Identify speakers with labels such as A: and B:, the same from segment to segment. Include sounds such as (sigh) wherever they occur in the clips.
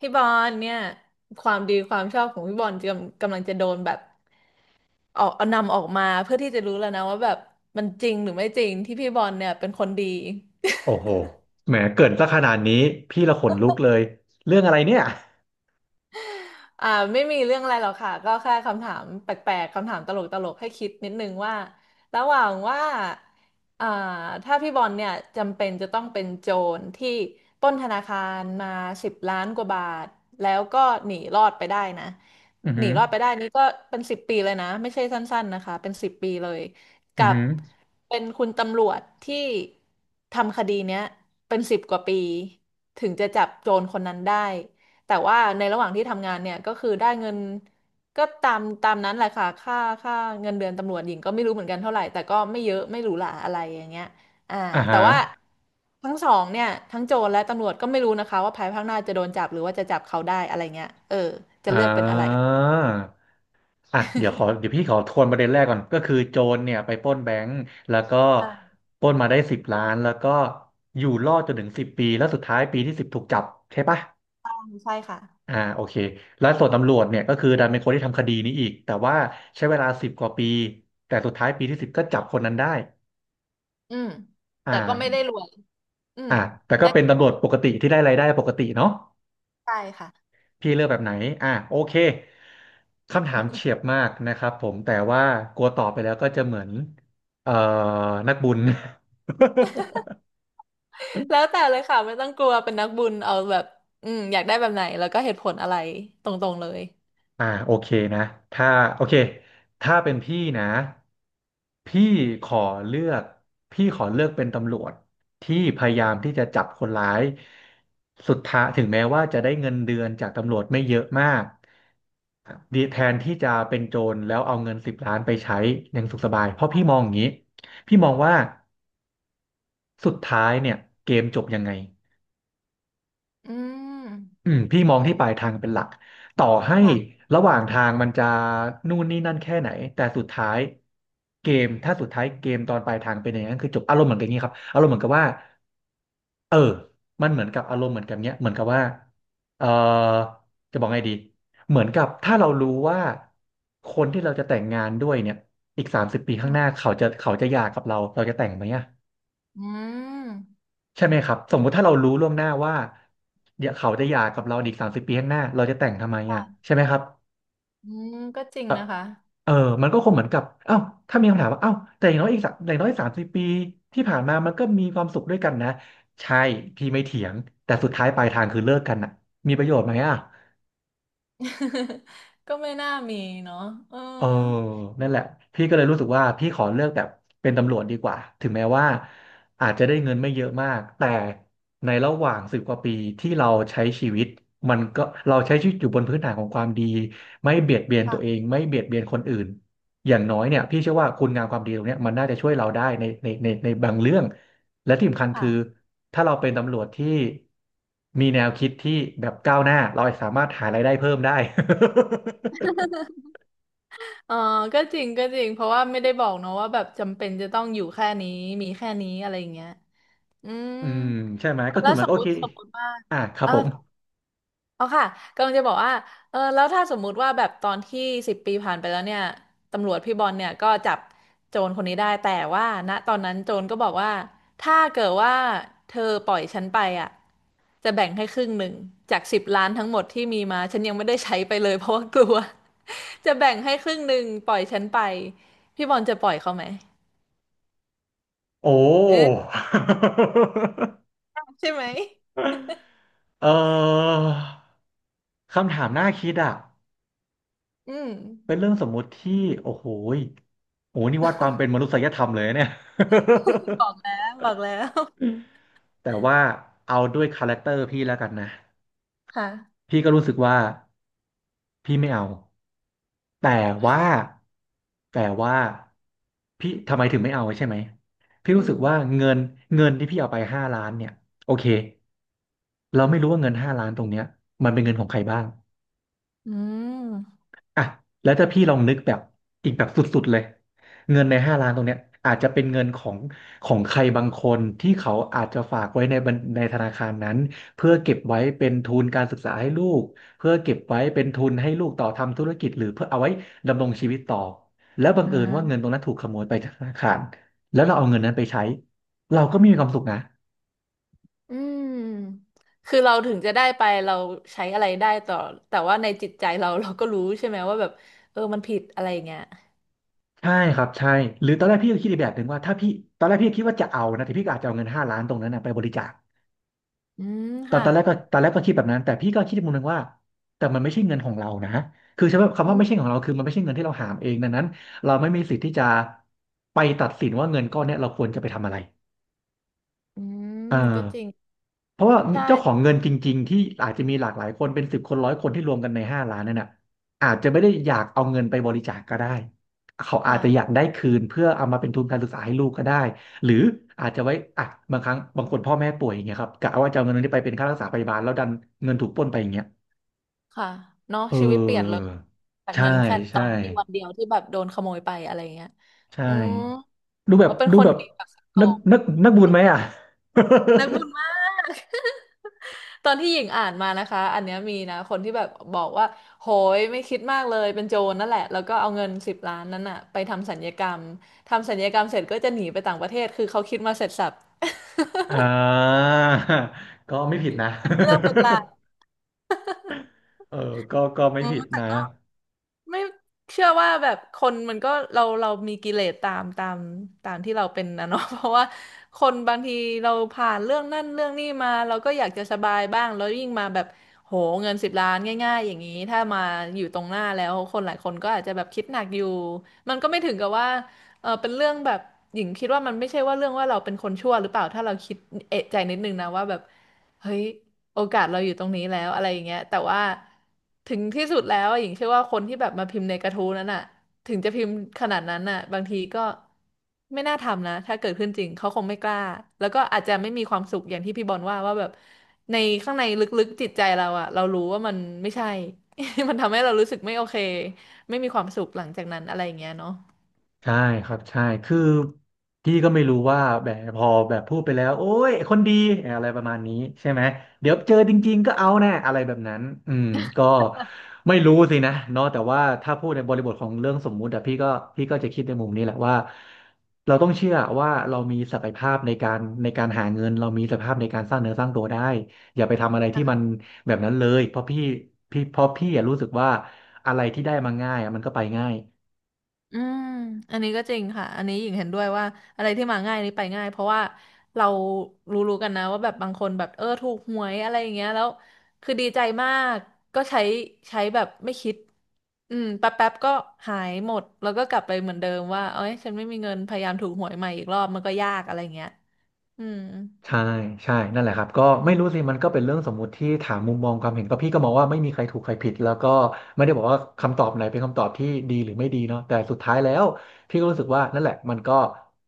A: พี่บอลเนี่ยความดีความชอบของพี่บอลกำลังจะโดนแบบออกเอานำออกมาเพื่อที่จะรู้แล้วนะว่าแบบมันจริงหรือไม่จริงที่พี่บอลเนี่ยเป็นคนดี
B: โอ้โหแหมเกริ่นซะขนาดนี้พี่ละขนลุกเลย เรื่องอะไรเนี่ย
A: อ่าไม่มีเรื่องอะไรหรอกค่ะก็แค่คำถามแปลกๆคำถามตลกๆให้คิดนิดนึงว่าระหว่างว่าอ่าถ้าพี่บอลเนี่ยจำเป็นจะต้องเป็นโจรที่ปล้นธนาคารมา10 ล้านกว่าบาทแล้วก็หนีรอดไปได้นะ
B: อือ
A: ห
B: หื
A: นี
B: อ
A: รอดไปได้นี่ก็เป็นสิบปีเลยนะไม่ใช่สั้นๆนะคะเป็นสิบปีเลย
B: อือ
A: กับ
B: หือ
A: เป็นคุณตำรวจที่ทำคดีเนี้ยเป็นสิบกว่าปีถึงจะจับโจรคนนั้นได้ แต่ว่าในระหว่างที่ทำงานเนี่ยก็คือได้เงินก็ตามนั้นแหละค่ะค่าเงินเดือนตำรวจหญิงก็ไม่รู้เหมือนกันเท่าไหร่แต่ก็ไม่เยอะไม่หรูหราอะไรอย่างเงี้ยอ่า
B: อ่า
A: แต่
B: ฮะ
A: ว่าทั้งสองเนี่ยทั้งโจรและตำรวจก็ไม่รู้นะคะว่าภายภาคหน้าจะโดนจับหรือว่าจะจับเขาได้อะไรเงี้ยเออจะ
B: อ่
A: เลือกเป็นอะไร
B: าอ่ะเดี๋ยวพี่ขอทวนประเด็นแรกก่อน ก็คือโจรเนี่ยไปปล้นแบงก์แล้วก็
A: ใช่
B: ปล้นมาได้สิบล้านแล้วก็อยู่รอดจนถึงสิบปี แล้วสุดท้ายปีที่ 10ถูกจับใช่ปะ
A: ใช่ค่ะ
B: อ่าโอเค แล้วส่วนตำรวจเนี่ยก็คือดันเป็นคนที่ทำคดีนี้อีกแต่ว่าใช้เวลาสิบกว่าปีแต่สุดท้ายปีที่สิบก็จับคนนั้นได้
A: อืม
B: อ่
A: แต่ก็ไม่ได้
B: า
A: รวยอืม
B: อ่ะแต่ก็
A: ได้
B: เป็น
A: เงินป
B: ตำรว
A: ก
B: จป
A: ติ
B: กติที่ได้รายได้ปกติเนาะ
A: ใช่ค่ะ
B: พี่เลือกแบบไหนอ่ะโอเคคำถามเฉียบมากนะครับผมแต่ว่ากลัวตอบไปแล้วก็จะเหมือนเอ่อนักบุญ (laughs)
A: แล้วแต่เลยค่ะไม่ต้องกลัวเป็นนักบุญเอาแบบอืมอยากได้แบบไหนแล้วก็เหตุผลอะไรตรงๆเลย
B: อ่าโอเคนะถ้าโอเคถ้าเป็นพี่นะพี่ขอเลือกพี่ขอเลือกเป็นตำรวจที่พยายามที่จะจับคนร้ายสุดท้ายถึงแม้ว่าจะได้เงินเดือนจากตำรวจไม่เยอะมากดีแทนที่จะเป็นโจรแล้วเอาเงินสิบล้านไปใช้อย่างสุขสบายเพราะพี่มองอย่างนี้พี่มองว่าสุดท้ายเนี่ยเกมจบยังไง
A: อื
B: อื
A: ม
B: มพี่มองที่ปลายทางเป็นหลักต่อให้
A: ค่ะ
B: ระหว่างทางมันจะนู่นนี่นั่นแค่ไหนแต่สุดท้ายเกมถ้าสุดท้ายเกมตอนปลายทางเป็นอย่างนั้นคือจบอารมณ์เหมือนกันนี้ครับอารมณ์เหมือนกับว่าเออมันเหมือนกับอารมณ์เหมือนกับเนี้ยเหมือนกับว่าเออจะบอกไงดีเหมือนกับถ้าเรารู้ว่าคนที่เราจะแต่งงานด้วยเนี่ยอีกสามสิบปี
A: อื
B: ข้างห
A: ม
B: น้าเขาจะเขาจะหย่ากับเราเราจะแต่งไหมอะ ใช่ไหมครับสมมุติถ้าเรารู้ล่วงหน้าว่าเดี๋ยวเขาจะหย่ากับเราอีกสามสิบปีข้างหน้าเราจะแต่งทำไมอ่ะ
A: ค่ะ
B: ใช่ไหมครับ
A: อืมก็จริง
B: เออ
A: นะคะ
B: เออมันก็คงเหมือนกับเอ้าถ้ามีคำถามว่าเอ้าแต่อย่างน้อยอีกสักอย่างน้อยสามสิบปีที่ผ่านมามันก็มีความสุขด้วยกันนะใช่พี่ไม่เถียงแต่สุดท้ายปลายทางคือเลิกกันอ่ะมีประโยชน์ไหมอ่ะ
A: (laughs) ก็ไม่น่ามีเนาะเออ
B: เออนั่นแหละพี่ก็เลยรู้สึกว่าพี่ขอเลือกแบบเป็นตำรวจดีกว่า ถึงแม้ว่าอาจจะได้เงินไม่เยอะมาก แต่ในระหว่างสิบกว่าปีที่เราใช้ชีวิตมันก็เราใช้ชีวิตอยู่บนพื้นฐานของความดีไม่เบียดเบียนตัวเอ
A: ค่ะ
B: งไม่เบียดเบียนคนอื่นอย่างน้อยเนี่ยพี่เชื่อว่าคุณงามความดีตรงเนี้ยมันน่าจะช่วยเราได้ในบางเรื่องและที่สำคัญคือ
A: ค่ะ
B: ถ้าเราเป็นตำรวจที่มีแนวคิดที่แบบก้าวหน้าเราสามารถหารายได้เพิ่มได้ (laughs)
A: เออก็จริงก็จริงเพราะว่าไม่ได้บอกเนาะว่าแบบจำเป็นจะต้องอยู่แค่นี้มีแค่นี้อะไรอย่างเงี้ยอืม
B: อืมใช่ไหมก็
A: แล้
B: คือ
A: ว
B: มัน
A: สม
B: ก็โอ
A: ม
B: เค
A: ติสมมติว่า
B: อ่ะครั
A: เอ
B: บ
A: อ
B: ผม
A: อ๋อค่ะกำลังจะบอกว่าเออแล้วถ้าสมมุติว่าแบบตอนที่สิบปีผ่านไปแล้วเนี่ยตำรวจพี่บอลเนี่ยก็จับโจรคนนี้ได้แต่ว่าณตอนนั้นโจรก็บอกว่าถ้าเกิดว่าเธอปล่อยฉันไปอ่ะจะแบ่งให้ครึ่งหนึ่งจากสิบล้านทั้งหมดที่มีมาฉันยังไม่ได้ใช้ไปเลยเพราะว่ากลัว (laughs) จะแบ่งให้ครึ่งหนึ่งปล่อยฉันไปพี่บอลจะปล่อยเขาไหม
B: โอ้
A: เออใช่ไหม
B: (laughs) เออคำถามน่าคิดอ่ะ
A: อืม
B: เป็นเรื่องสมมุติที่โอ้โหยโอ้โหนี่วัดความเป็นมนุษยธรรมเลยนะเนี่ย
A: บอกแล้
B: (laughs)
A: วบอกแล้ว
B: แต่ว่าเอาด้วยคาแรคเตอร์พี่แล้วกันนะ
A: ค่ะ
B: พี่ก็รู้สึกว่าพี่ไม่เอาแต่ว่าแต่ว่าพี่ทำไมถึงไม่เอาใช่ไหมพี่
A: อื
B: รู้สึกว่า
A: ม
B: เงินเงินที่พี่เอาไปห้าล้านเนี่ยโอเคเราไม่รู้ว่าเงินห้าล้านตรงเนี้ยมันเป็นเงินของใครบ้าง
A: อืม
B: อ่ะแล้วถ้าพี่ลองนึกแบบอีกแบบสุดๆเลยเงินในห้าล้านตรงเนี้ยอาจจะเป็นเงินของของใครบางคนที่เขาอาจจะฝากไว้ในธนาคารนั้นเพื่อเก็บไว้เป็นทุนการศึกษาให้ลูกเพื่อเก็บไว้เป็นทุนให้ลูกต่อทำธุรกิจหรือเพื่อเอาไว้ดำรงชีวิตต่อแล้วบัง
A: อื
B: เอิญว่าเงินตร
A: ม
B: งนั้นถูกขโมยไปจากธนาคารแล้วเราเอาเงินนั้นไปใช้เราก็ไม่มีความสุขนะ
A: อืมคือเราถึงจะได้ไปเราใช้อะไรได้ต่อแต่ว่าในจิตใจเราก็รู้ใช่ไหมว่าแบบเออมันผิดอะไรอย่างเงี้ย
B: ใช่ครับใช่หรือตอนแรกพี่ก็คิดอีกแบบหนึ่งว่าถ้าพี่ตอนแรกพี่คิดว่าจะเอานะแต่พี่ก็อาจจะเอาเงินห้าล้านตรงนั้นนะไปบริจาค
A: อืม
B: ตอน
A: ค่ะ
B: ตอนแรกก็ตอนแรกก็คิดแบบนั้นแต่พี่ก็คิดอีมุมหนึงว่าแต่มันไม่ใช่เงินของเรานะคือใช่ไหมคำ
A: อื
B: ว่าไม่ใช่ขอ
A: ม
B: งเราคือมันไม่ใช่เงินที่เราหามเองดังนั้นเราไม่มีสิทธิ์ที่จะไปตัดสินว่าเงินก้อนเนี้ยเราควรจะไปทำอะไร
A: อืม
B: เออ
A: ก็จริง
B: เพราะว่าเจ้าของ
A: ใช่
B: เงินจริงๆที่อาจจะมีหลากหลายคนเป็น10 คน 100 คนที่รวมกันใน5 ล้านนั่นน่ะอาจจะไม่ได้อยากเอาเงินไปบริจาคก็ได้เขาอาจ
A: ค่ะ
B: จะอยากได้คืนเพื่อเอามาเป็นทุนการศึกษาให้ลูกก็ได้หรืออาจจะไว้อ่ะบางครั้งบางคนพ่อแม่ป่วยอย่างเงี้ยครับกะว่าจะเอาเงินนี้ไปเป็นค่ารักษาพยาบาลแล้วดันเงินถูกปล้นไปอย่างเงี้ย
A: ค่ะเนาะ
B: เอ
A: ชีวิตเปลี่ยนเลย
B: อ
A: จาก
B: ใช่
A: เงินแค่ตอ
B: ใช่
A: นที่วันเดียวที่แบบโดนขโมยไปอะไรเงี้ย
B: ใช่
A: อืม
B: ดูแบบ
A: เราเป็น
B: ดู
A: คน
B: แบบ
A: ดีแบบสดโตร
B: นัก
A: ง
B: นักนักบุญไหมอ่ะ
A: นักบุญมาก ตอนที่หญิงอ่านมานะคะ อันเนี้ยมีนะคนที่แบบบอกว่าโหยไม่คิดมากเลยเป็นโจรนั่นแหละแล้วก็เอาเงินสิบล้านนั้นอะไปทำสัญญกรรมทำสัญญกรรมเสร็จก็จะหนีไปต่างประเทศคือเขาคิดมาเสร็จสับ
B: (laughs)
A: (laughs)
B: อ่าก็ไม่ผิดนะ
A: เป็นเรื่องเป็นราว
B: (laughs) เออก็ไม่
A: อื
B: ผิ
A: ม
B: ด
A: แต่
B: นะ
A: ก็ ไม่เชื่อว่าแบบคนมันก็เรามีกิเลสตามที่เราเป็นนะเนาะ (laughs) เพราะว่าคนบางทีเราผ่านเรื่องนั่นเรื่องนี้มาเราก็อยากจะสบายบ้างแล้วยิ่งมาแบบโหเงินสิบล้านง่ายๆอย่างนี้ถ้ามาอยู่ตรงหน้าแล้วคนหลายคนก็อาจจะแบบคิดหนักอยู่มันก็ไม่ถึงกับว่าเออเป็นเรื่องแบบหญิงคิดว่ามันไม่ใช่ว่าเรื่องว่าเราเป็นคนชั่วหรือเปล่าถ้าเราคิดเอะใจนิดนึงนะว่าแบบเฮ้ย โอกาสเราอยู่ตรงนี้แล้วอะไรอย่างเงี้ยแต่ว่าถึงที่สุดแล้วหญิงเชื่อว่าคนที่แบบมาพิมพ์ในกระทู้นั้นอ่ะถึงจะพิมพ์ขนาดนั้นอ่ะบางทีก็ไม่น่าทำนะถ้าเกิดขึ้นจริงเขาคงไม่กล้าแล้วก็อาจจะไม่มีความสุขอย่างที่พี่บอลว่าว่าแบบในข้างในลึกๆจิตใจเราอ่ะเรารู้ว่ามันไม่ใช่ (laughs) มันทำให้เรารู้สึกไม่โอเคไม่มีความสุขหลังจากนั้นอะไรอย่างเงี้ยเนาะ
B: ใช่ครับใช่คือพี่ก็ไม่รู้ว่าแบบพอแบบพูดไปแล้วโอ้ยคนดีอะไรประมาณนี้ใช่ไหมเดี๋ยวเจอจริงๆก็เอาแน่อะไรแบบนั้นอืมก็ไม่รู้สินะเนาะแต่ว่าถ้าพูดในบริบทของเรื่องสมมุติอะพี่ก็จะคิดในมุมนี้แหละว่าเราต้องเชื่อว่าเรามีศักยภาพในการหาเงินเรามีศักยภาพในการสร้างเนื้อสร้างตัวได้อย่าไปทำอะไรที่มันแบบนั้นเลยเพราะพี่อะรู้สึกว่าอะไรที่ได้มาง่ายอะมันก็ไปง่าย
A: อืม อันนี้ก็จริงค่ะ อันนี้หญิงเห็นด้วยว่าอะไรที่มาง่ายนี่ไปง่ายเพราะว่าเรารู้ๆกันนะว่าแบบบางคนแบบเออถูกหวยอะไรอย่างเงี้ยแล้วคือดีใจมากก็ใช้ใช้แบบไม่คิดอืมแป๊บๆก็หายหมดแล้วก็กลับไปเหมือนเดิมว่าเอ้ยฉันไม่มีเงินพยายามถูกหวยใหม่อีกรอบมันก็ยากอะไรอย่างเงี้ยอืม
B: ใช่ใช่นั่นแหละครับก็ไม่รู้สิมันก็เป็นเรื่องสมมุติที่ถามมุมมองความเห็นก็พี่ก็มองว่าไม่มีใครถูกใครผิดแล้วก็ไม่ได้บอกว่าคำตอบไหนเป็นคำตอบที่ดีหรือไม่ดีเนาะแต่สุดท้ายแล้วพี่ก็รู้สึกว่านั่นแหละมันก็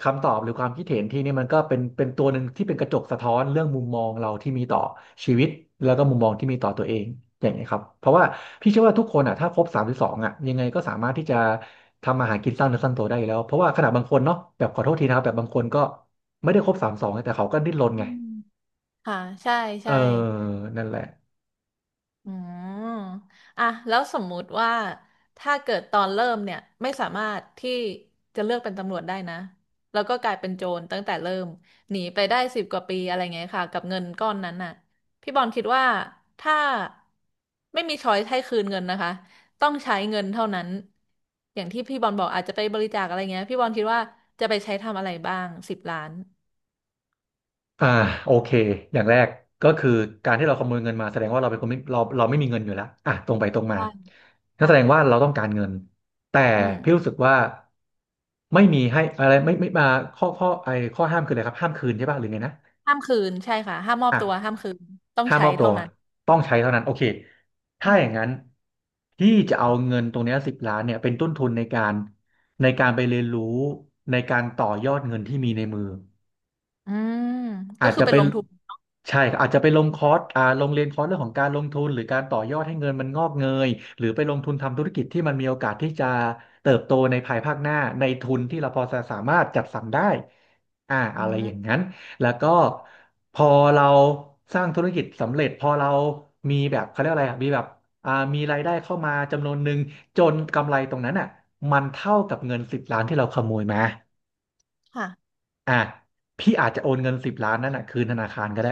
B: คำตอบหรือความคิดเห็นที่นี่มันก็เป็นตัวหนึ่งที่เป็นกระจกสะท้อนเรื่องมุมมองเราที่มีต่อชีวิตแล้วก็มุมมองที่มีต่อตัวเองอย่างนี้ยครับเพราะว่าพี่เชื่อว่าทุกคนอ่ะถ้าครบ32อ่ะยังไงก็สามารถที่จะทำอาหารกินสร้างเนื้อสร้างตัวได้อยู่แล้วเพราะว่าขนาดบางคนเนาะแบบขอโทษทีนะครับแบบบางคนก็ ไม่ได้ครบ32แต่เขาก็ดิ้นรน
A: อื
B: ไง
A: มค่ะใช่
B: เออ
A: ใช่
B: นั่นแหละ
A: อืมอ่ะแล้วสมมุติว่าถ้าเกิดตอนเริ่มเนี่ยไม่สามารถที่จะเลือกเป็นตำรวจได้นะแล้วก็กลายเป็นโจรตั้งแต่เริ่มหนีไปได้สิบกว่าปีอะไรเงี้ยค่ะกับเงินก้อนนั้นน่ะพี่บอลคิดว่าถ้าไม่มีช้อยให้คืนเงินนะคะต้องใช้เงินเท่านั้นอย่างที่พี่บอลบอกอาจจะไปบริจาคอะไรเงี้ยพี่บอลคิดว่าจะไปใช้ทำอะไรบ้างสิบล้าน
B: อ่าโอเคอย่างแรกก็คือการที่เราขโมยเงินมาแสดงว่าเราเป็นคนไม่เราเราไม่มีเงินอยู่แล้วอ่ะตรงไปตรงมา
A: ได้
B: นั่นแสดงว่า
A: ค่ะ
B: เราต้องการเงินแต่
A: อืม
B: พี่รู้สึกว่าไม่มีให้อะไรไม่มาข้อข้อไอข้อห้ามคืออะไรครับห้ามคืนใช่ป่ะหรือไงนะ
A: ห้ามคืนใช่ค่ะห้ามมอบตัว
B: อ่ะ
A: ห้ามคืนต้อง
B: ถ้า
A: ใช้
B: มอบตั
A: เท่า
B: ว
A: นั้น
B: ต้องใช้เท่านั้นโอเค
A: อื
B: ถ้า
A: ม
B: อย่างนั้นพี่จะเอาเงินตรงเนี้สิบล้านเนี่ยเป็นต้นทุนในการในการไปเรียนรู้ในการต่อยอดเงินที่มีในมือ
A: อืม
B: อา
A: ก็
B: จ
A: คือ
B: จะ
A: เป็
B: ไป
A: นลงทุน
B: ใช่ครับอาจจะไปลงคอร์สอ่าลงเรียนคอร์สเรื่องของการลงทุนหรือการต่อยอดให้เงินมันงอกเงยหรือไปลงทุนทำธุรกิจที่มันมีโอกาสที่จะเติบโตในภายภาคหน้าในทุนที่เราพอจะสามารถจัดสรรได้อ่า
A: อื
B: อะไรอย่า
A: ม
B: งนั้นแล้วก็
A: ค่ะ
B: พอเราสร้างธุรกิจสำเร็จพอเรามีแบบเขาเรียกอะไรอ่ะมีแบบอ่ามีรายได้เข้ามาจำนวนหนึ่งจนกำไรตรงนั้นอ่ะมันเท่ากับเงินสิบล้านที่เราขโมยมา
A: ค่ะ
B: อ่ะพี่อาจจะโอนเงินสิบล้านนั่นน่ะคืนธนาคารก็ได้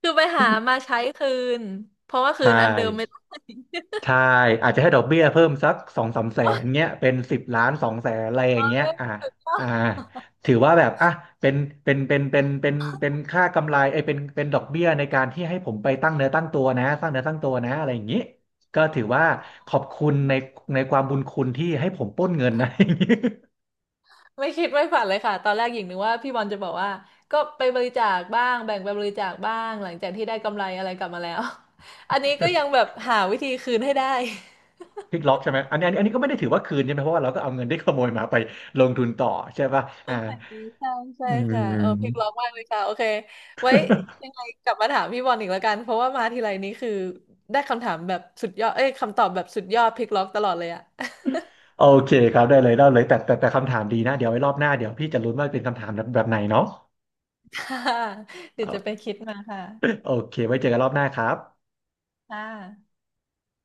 A: คือไปหามา
B: (laughs)
A: ใช้คืนเพราะว่าคื
B: ใช่
A: นอันเดิมไม่ได้ (laughs)
B: ใช่อาจจะให้ดอกเบี้ยเพิ่มสัก2-3 แสนเงี้ยเป็น10 ล้าน 2 แสนอะไรอย่างเงี้ยอ่าอ่าถือว่าแบบอ่ะเป็นเป็นเป็นเป็นเป็นเป็นค่ากำไรไอ้ยเป็นดอกเบี้ยในการที่ให้ผมไปตั้งเนื้อตั้งตัวนะสร้างเนื้อตั้งตัวนะอะไรอย่างงี้ก็ถือว่าขอบคุณในในความบุญคุณที่ให้ผมปล้นเงินนะ (laughs)
A: ไม่คิดไม่ฝันเลยค่ะตอนแรกหญิงนึกว่าพี่บอลจะบอกว่าก็ไปบริจาคบ้างแบ่งไปบริจาคบ้างหลังจากที่ได้กำไรอะไรกลับมาแล้ว (laughs) อันนี้ก็ยังแบบหาวิธีคืนให้ได้
B: พลิกล็อกใช่ไหมอันนี้ก็ไม่ได้ถือว่าคืนใช่ไหมเพราะว่าเราก็เอาเงินที่ขโมยมาไปลงทุนต่อใช่ป่ะ
A: (laughs) โอ
B: อ่า
A: เคใช่ใช่
B: อื
A: ค่ะเออเพลงร้อง
B: ม
A: มากเลยค่ะโอเคไว้ยังไงกลับมาถามพี่บอลอีกแล้วกันเพราะว่ามาทีไรนี้คือได้คำถามแบบสุดยอดเอ้ยคำตอบแบบสุดยอดพลิกล็อกตลอดเลยอะ
B: โอเคครับได้เลยได้เลยแต่คำถามดีนะเดี๋ยวไว้รอบหน้าเดี๋ยวพี่จะลุ้นว่าเป็นคำถามแบบไหนเนาะ
A: ค่ะเดี๋
B: เอ
A: ยวจะไป
B: อ
A: คิดมาค่ะ
B: โอเคไว้เจอกันรอบหน้าครับ
A: ค่ะ